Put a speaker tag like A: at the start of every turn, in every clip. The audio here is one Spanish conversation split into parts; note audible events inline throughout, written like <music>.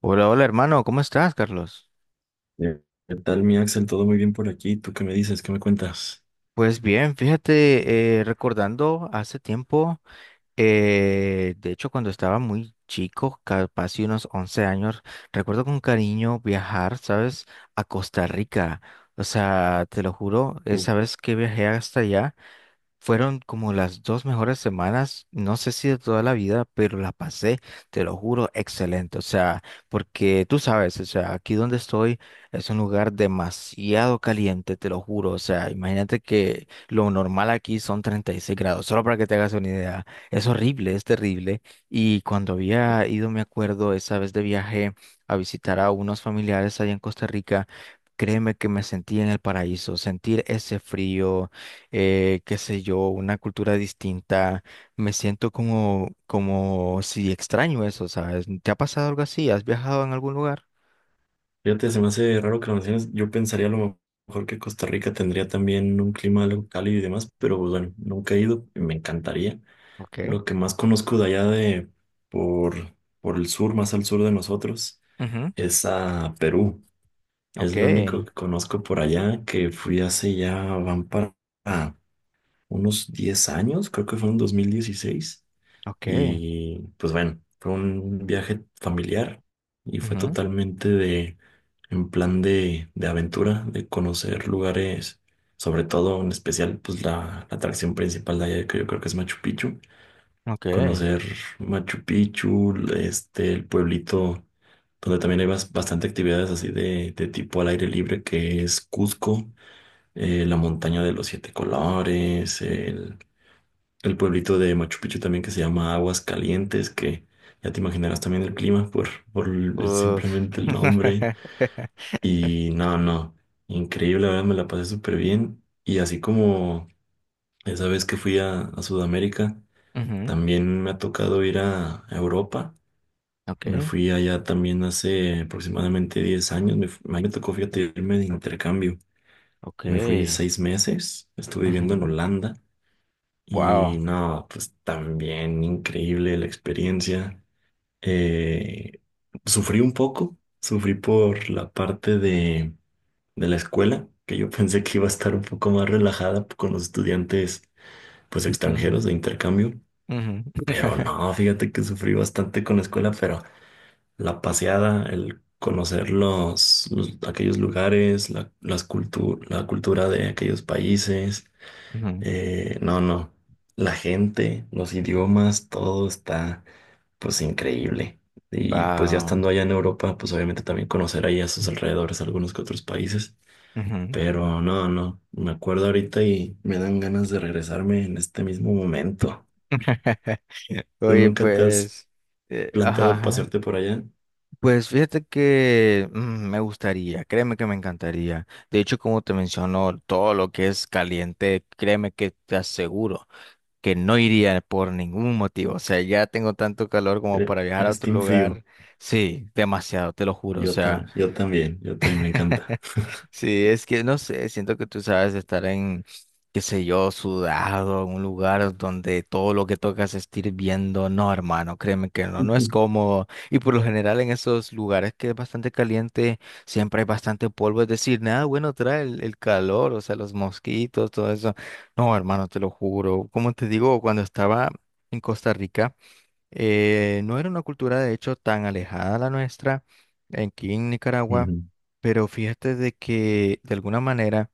A: Hola, hola hermano, ¿cómo estás, Carlos?
B: Eh, ¿Qué tal, mi Axel? ¿Todo muy bien por aquí? ¿Tú qué me dices? ¿Qué me cuentas?
A: Pues bien, fíjate, recordando hace tiempo, de hecho cuando estaba muy chico, capaz de unos 11 años, recuerdo con cariño viajar, ¿sabes? A Costa Rica. O sea, te lo juro,
B: Uh,
A: esa vez que viajé hasta allá. Fueron como las dos mejores semanas, no sé si de toda la vida, pero la pasé, te lo juro, excelente. O sea, porque tú sabes, o sea, aquí donde estoy es un lugar demasiado caliente, te lo juro. O sea, imagínate que lo normal aquí son 36 grados, solo para que te hagas una idea. Es horrible, es terrible. Y cuando había ido, me acuerdo, esa vez de viaje a visitar a unos familiares allá en Costa Rica. Créeme que me sentí en el paraíso, sentir ese frío, qué sé yo, una cultura distinta, me siento como, como si extraño eso, ¿sabes? ¿Te ha pasado algo así? ¿Has viajado en algún lugar?
B: Fíjate, se me hace raro que lo menciones. Yo pensaría a lo mejor que Costa Rica tendría también un clima algo cálido y demás, pero pues, bueno, nunca he ido y me encantaría.
A: Ok.
B: Lo que más conozco de allá de por, por el sur, más al sur de nosotros,
A: Ujú.
B: es a Perú. Es
A: Ok.
B: lo único que conozco por allá, que fui hace ya, van para unos 10 años, creo que fue en 2016.
A: Ok.
B: Y pues bueno, fue un viaje familiar y fue
A: Ujú.
B: totalmente en plan de aventura, de conocer lugares, sobre todo en especial, pues la atracción principal de allá, que yo creo que es Machu Picchu.
A: Ok.
B: Conocer Machu Picchu, este, el pueblito donde también hay bastante actividades así de tipo al aire libre, que es Cusco, la montaña de los siete colores, el pueblito de Machu Picchu también que se llama Aguas Calientes, que ya te imaginarás también el clima
A: Uf.
B: simplemente el nombre.
A: <laughs>
B: Y no, no, increíble, la verdad me la pasé súper bien. Y así como esa vez que fui a Sudamérica,
A: Ujú.
B: también me ha tocado ir a Europa.
A: Ok.
B: Me fui allá también hace aproximadamente 10 años. Me tocó, fíjate, irme de intercambio.
A: Ok.
B: Me fui 6 meses, estuve viviendo en
A: Ujú.
B: Holanda. Y
A: Wow.
B: no, pues también increíble la experiencia. Eh, sufrí un poco, sufrí por la parte de la escuela, que yo <laughs> pensé que iba a estar un poco más relajada con los estudiantes pues
A: Ujú.
B: extranjeros de intercambio,
A: Ujú.
B: pero
A: <laughs>
B: no, fíjate que sufrí bastante con la escuela, pero la paseada, el conocer aquellos lugares, la cultura de aquellos países,
A: Ujú.
B: no, no. La gente, los idiomas, todo está pues increíble. Y pues ya
A: Wow.
B: estando allá en Europa, pues obviamente también conocer ahí a sus alrededores algunos que otros países.
A: Ujú.
B: Pero no, no. Me acuerdo ahorita y me dan ganas de regresarme en este mismo momento.
A: <laughs>
B: ¿Tú
A: Oye,
B: nunca te has
A: pues, ajá.
B: planteado
A: Ajá.
B: pasearte por allá?
A: Pues fíjate que me gustaría, créeme que me encantaría. De hecho, como te menciono, todo lo que es caliente, créeme que te aseguro que no iría por ningún motivo. O sea, ya tengo tanto calor como para viajar a
B: Eres
A: otro
B: team frío.
A: lugar. Sí, demasiado, te lo juro. O
B: Yo,
A: sea.
B: tam- yo también, yo también me encanta.
A: Sí, es que no sé, siento que tú sabes estar en, qué sé yo, sudado, en un lugar donde todo lo que tocas está hirviendo. No, hermano, créeme que
B: <laughs>
A: no, no es
B: Ujú.
A: cómodo. Y por lo general en esos lugares que es bastante caliente, siempre hay bastante polvo. Es decir, nada bueno trae el calor, o sea, los mosquitos, todo eso. No, hermano, te lo juro. Como te digo, cuando estaba en Costa Rica. No era una cultura, de hecho, tan alejada de la nuestra aquí en Nicaragua,
B: Ujú,
A: pero fíjate de que de alguna manera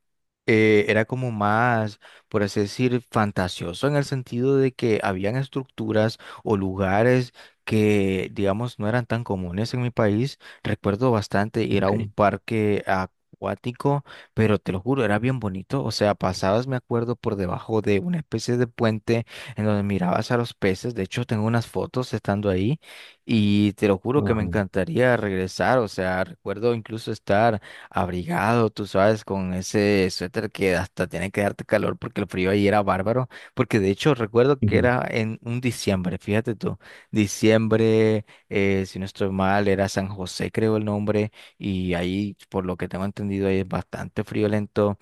A: era como más, por así decir, fantasioso en el sentido de que habían estructuras o lugares que, digamos, no eran tan comunes en mi país. Recuerdo bastante, era un
B: ok.
A: parque acuático, pero te lo juro, era bien bonito. O sea, pasabas, me acuerdo, por debajo de una especie de puente en donde mirabas a los peces. De hecho, tengo unas fotos estando ahí y te lo juro que me
B: Ajá.
A: encantaría regresar. O sea, recuerdo incluso estar abrigado, tú sabes, con ese suéter que hasta tiene que darte calor porque el frío ahí era bárbaro. Porque de hecho, recuerdo que
B: Ujú.
A: era en un diciembre, fíjate tú, diciembre, si no estoy mal, era San José, creo el nombre, y ahí, por lo que tengo entendido, ahí es bastante friolento.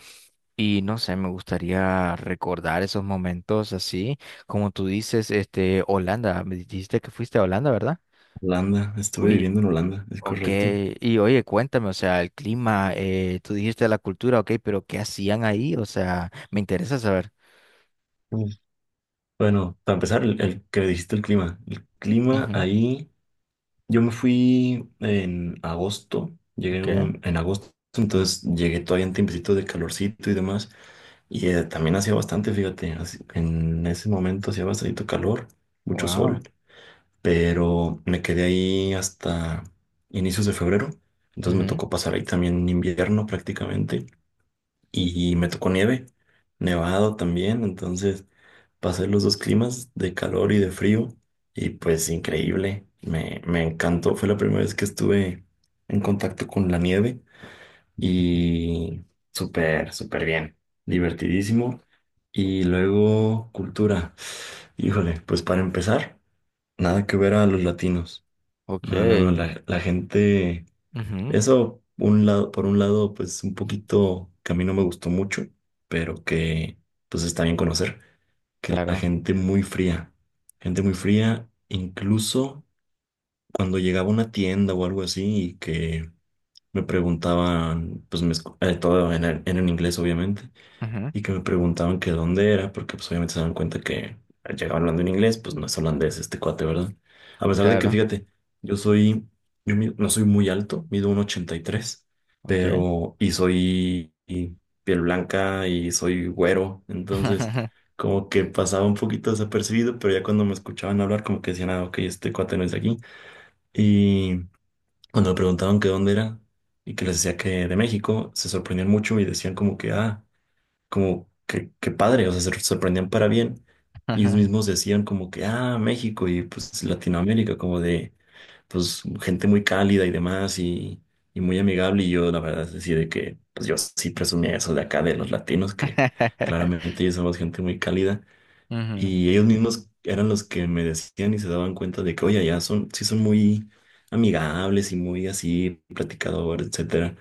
A: Y no sé, me gustaría recordar esos momentos así, como tú dices, este, Holanda, me dijiste que fuiste a Holanda, ¿verdad?
B: Holanda, estuve
A: Oye,
B: viviendo en Holanda, ¿es
A: ok,
B: correcto?
A: y oye, cuéntame, o sea, el clima, tú dijiste la cultura, ok, pero ¿qué hacían ahí? O sea, me interesa saber.
B: Bueno, para empezar, el que me dijiste el clima. El clima
A: Ujú,
B: ahí, yo me fui en agosto,
A: ok,
B: en agosto, entonces llegué todavía en tiempecito de calorcito y demás, y también hacía bastante, fíjate, en ese momento hacía bastante calor, mucho sol,
A: wow,
B: pero me quedé ahí hasta inicios de febrero, entonces me
A: ujú,
B: tocó pasar ahí también invierno prácticamente y me tocó nieve, nevado también, entonces pasé los dos climas de calor y de frío y pues increíble, me encantó, fue la primera vez que estuve en contacto con la nieve
A: ujú,
B: y súper, súper bien, divertidísimo y luego cultura, híjole, pues para empezar, nada que ver a los latinos, no, no, no,
A: ok,
B: la gente...
A: ujú,
B: Por un lado, pues un poquito que a mí no me gustó mucho, pero que pues está bien conocer, que la
A: claro,
B: gente muy fría, incluso cuando llegaba a una tienda o algo así y que me preguntaban, pues todo en inglés obviamente,
A: ujú,
B: y que me preguntaban que dónde era, porque pues obviamente se dan cuenta que llegaba hablando en inglés, pues no es holandés este cuate, ¿verdad? A pesar de que,
A: claro,
B: fíjate, yo soy, yo mi- no soy muy alto, mido un 83,
A: ok.
B: pero, y soy y piel blanca y soy güero, entonces como que pasaba un poquito desapercibido, pero ya cuando me escuchaban hablar como que decían, ah, ok, este cuate no es de aquí. Y cuando me preguntaban que dónde era y que les decía que de México, se sorprendían mucho y decían como que, ah, como que, qué padre, o sea, se sorprendían para bien. Y ellos
A: <laughs>
B: mismos decían como que, ah, México y pues Latinoamérica, como de, pues gente muy cálida y demás y muy amigable. Y yo, la verdad, es decir, de que, pues yo sí presumía eso de acá, de los latinos, que claramente ellos somos gente muy cálida.
A: Ujú,
B: Y ellos mismos eran los que me decían y se daban cuenta de que, oye, ya son, sí son muy amigables y muy así, platicadores, etcétera.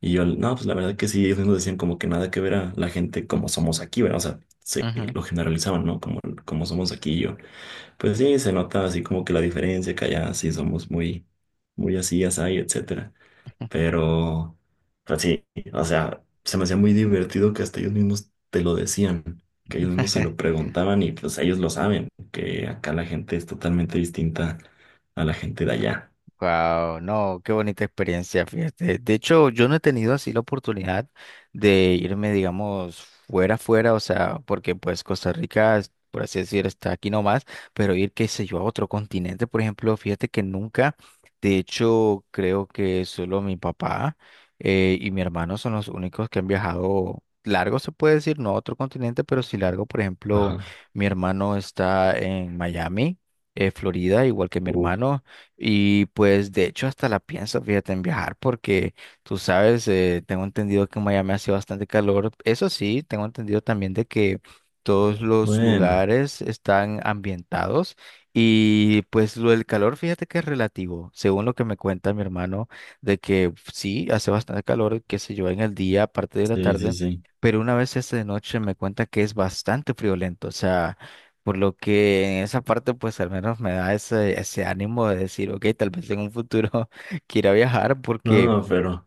B: Y yo, no, pues la verdad que sí, ellos mismos decían como que nada que ver a la gente como somos aquí, ¿verdad? O sea, se
A: ujú.
B: lo generalizaban, ¿no? Como, como somos aquí y yo. Pues sí, se nota así como que la diferencia, que allá sí somos muy, muy así, así, etcétera.
A: Ujú.
B: Pero, pues sí, o sea, se me hacía muy divertido que hasta ellos mismos te lo decían, que ellos mismos se lo
A: <laughs>
B: preguntaban y pues ellos lo saben, que acá la gente es totalmente distinta a la gente de allá.
A: Wow, no, qué bonita experiencia, fíjate. De hecho, yo no he tenido así la oportunidad de irme, digamos, fuera, fuera, o sea, porque pues Costa Rica, es- por así decir, está aquí nomás, pero ir, qué sé yo, a otro continente, por ejemplo, fíjate que nunca, de hecho, creo que solo mi papá y mi hermano son los únicos que han viajado largo, se puede decir, no a otro continente, pero sí largo, por ejemplo,
B: Ajá.
A: mi hermano está en Miami. Eh, Florida, igual que mi
B: Uf.
A: hermano, y pues de hecho hasta la pienso, fíjate, en viajar porque tú sabes, tengo entendido que en Miami hace bastante calor. Eso sí, tengo entendido también de que todos los
B: Bueno,
A: lugares están ambientados y pues lo del calor, fíjate que es relativo, según lo que me cuenta mi hermano, de que sí, hace bastante calor, qué sé yo, en el día, aparte de la
B: sí, sí,
A: tarde.
B: sí.
A: Pero una vez esta de noche me cuenta que es bastante friolento, o sea, por lo que en esa parte, pues al menos me da ese, ese ánimo de decir, ok, tal vez en un futuro <laughs> quiera viajar,
B: No,
A: porque
B: no, pero...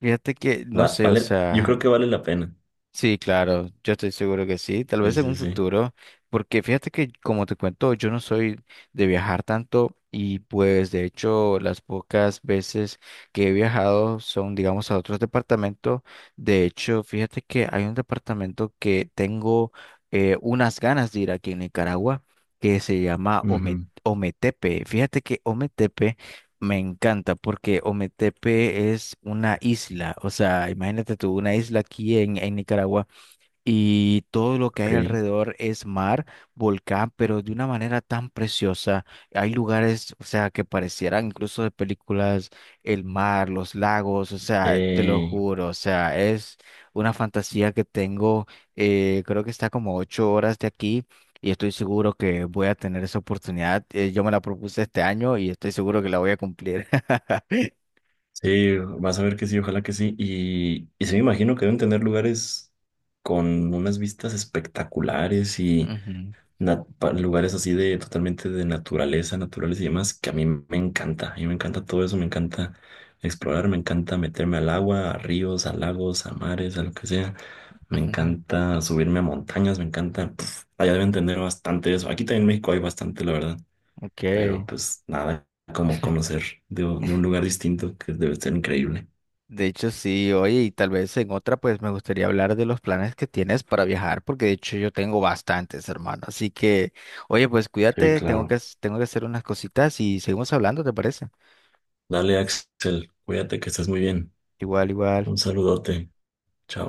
A: fíjate que, no sé, o
B: Vale, yo
A: sea,
B: creo que vale la pena.
A: sí, claro, yo estoy seguro que sí, tal
B: Sí,
A: vez en
B: sí,
A: un
B: sí.
A: futuro, porque fíjate que como te cuento, yo no soy de viajar tanto y pues de hecho las pocas veces que he viajado son digamos a otros departamentos, de hecho fíjate que hay un departamento que tengo unas ganas de ir aquí en Nicaragua que se llama
B: Ujú,
A: Ometepe, fíjate que Ometepe me encanta porque Ometepe es una isla, o sea, imagínate tú, una isla aquí en Nicaragua y todo lo que
B: ok.
A: hay alrededor es mar, volcán, pero de una manera tan preciosa. Hay lugares, o sea, que parecieran incluso de películas, el mar, los lagos, o sea, te lo
B: Eh,
A: juro, o sea, es una fantasía que tengo, creo que está como 8 horas de aquí. Y estoy seguro que voy a tener esa oportunidad. Yo me la propuse este año y estoy seguro que la voy a cumplir. <laughs>
B: sí, vas a ver que sí, ojalá que sí. Y sí, me imagino que deben tener lugares con unas vistas espectaculares y
A: Ujú.
B: lugares así de totalmente de naturaleza, naturales y demás, que a mí me encanta. A mí me encanta todo eso, me encanta explorar, me encanta meterme al agua, a ríos, a lagos, a mares, a lo que sea. Me
A: <laughs>
B: encanta subirme a montañas, me encanta. Pf, allá deben tener bastante eso. Aquí también en México hay bastante, la verdad.
A: Ok.
B: Pero pues nada, como conocer de un lugar distinto que debe ser increíble.
A: De hecho, sí, oye, y tal vez en otra, pues me gustaría hablar de los planes que tienes para viajar, porque de hecho yo tengo bastantes, hermano. Así que, oye, pues
B: Sí,
A: cuídate, tengo
B: claro.
A: tengo que hacer unas cositas y seguimos hablando, ¿te parece?
B: Dale, Axel, cuídate que estás muy bien.
A: Igual, igual.
B: Un saludote. Chao.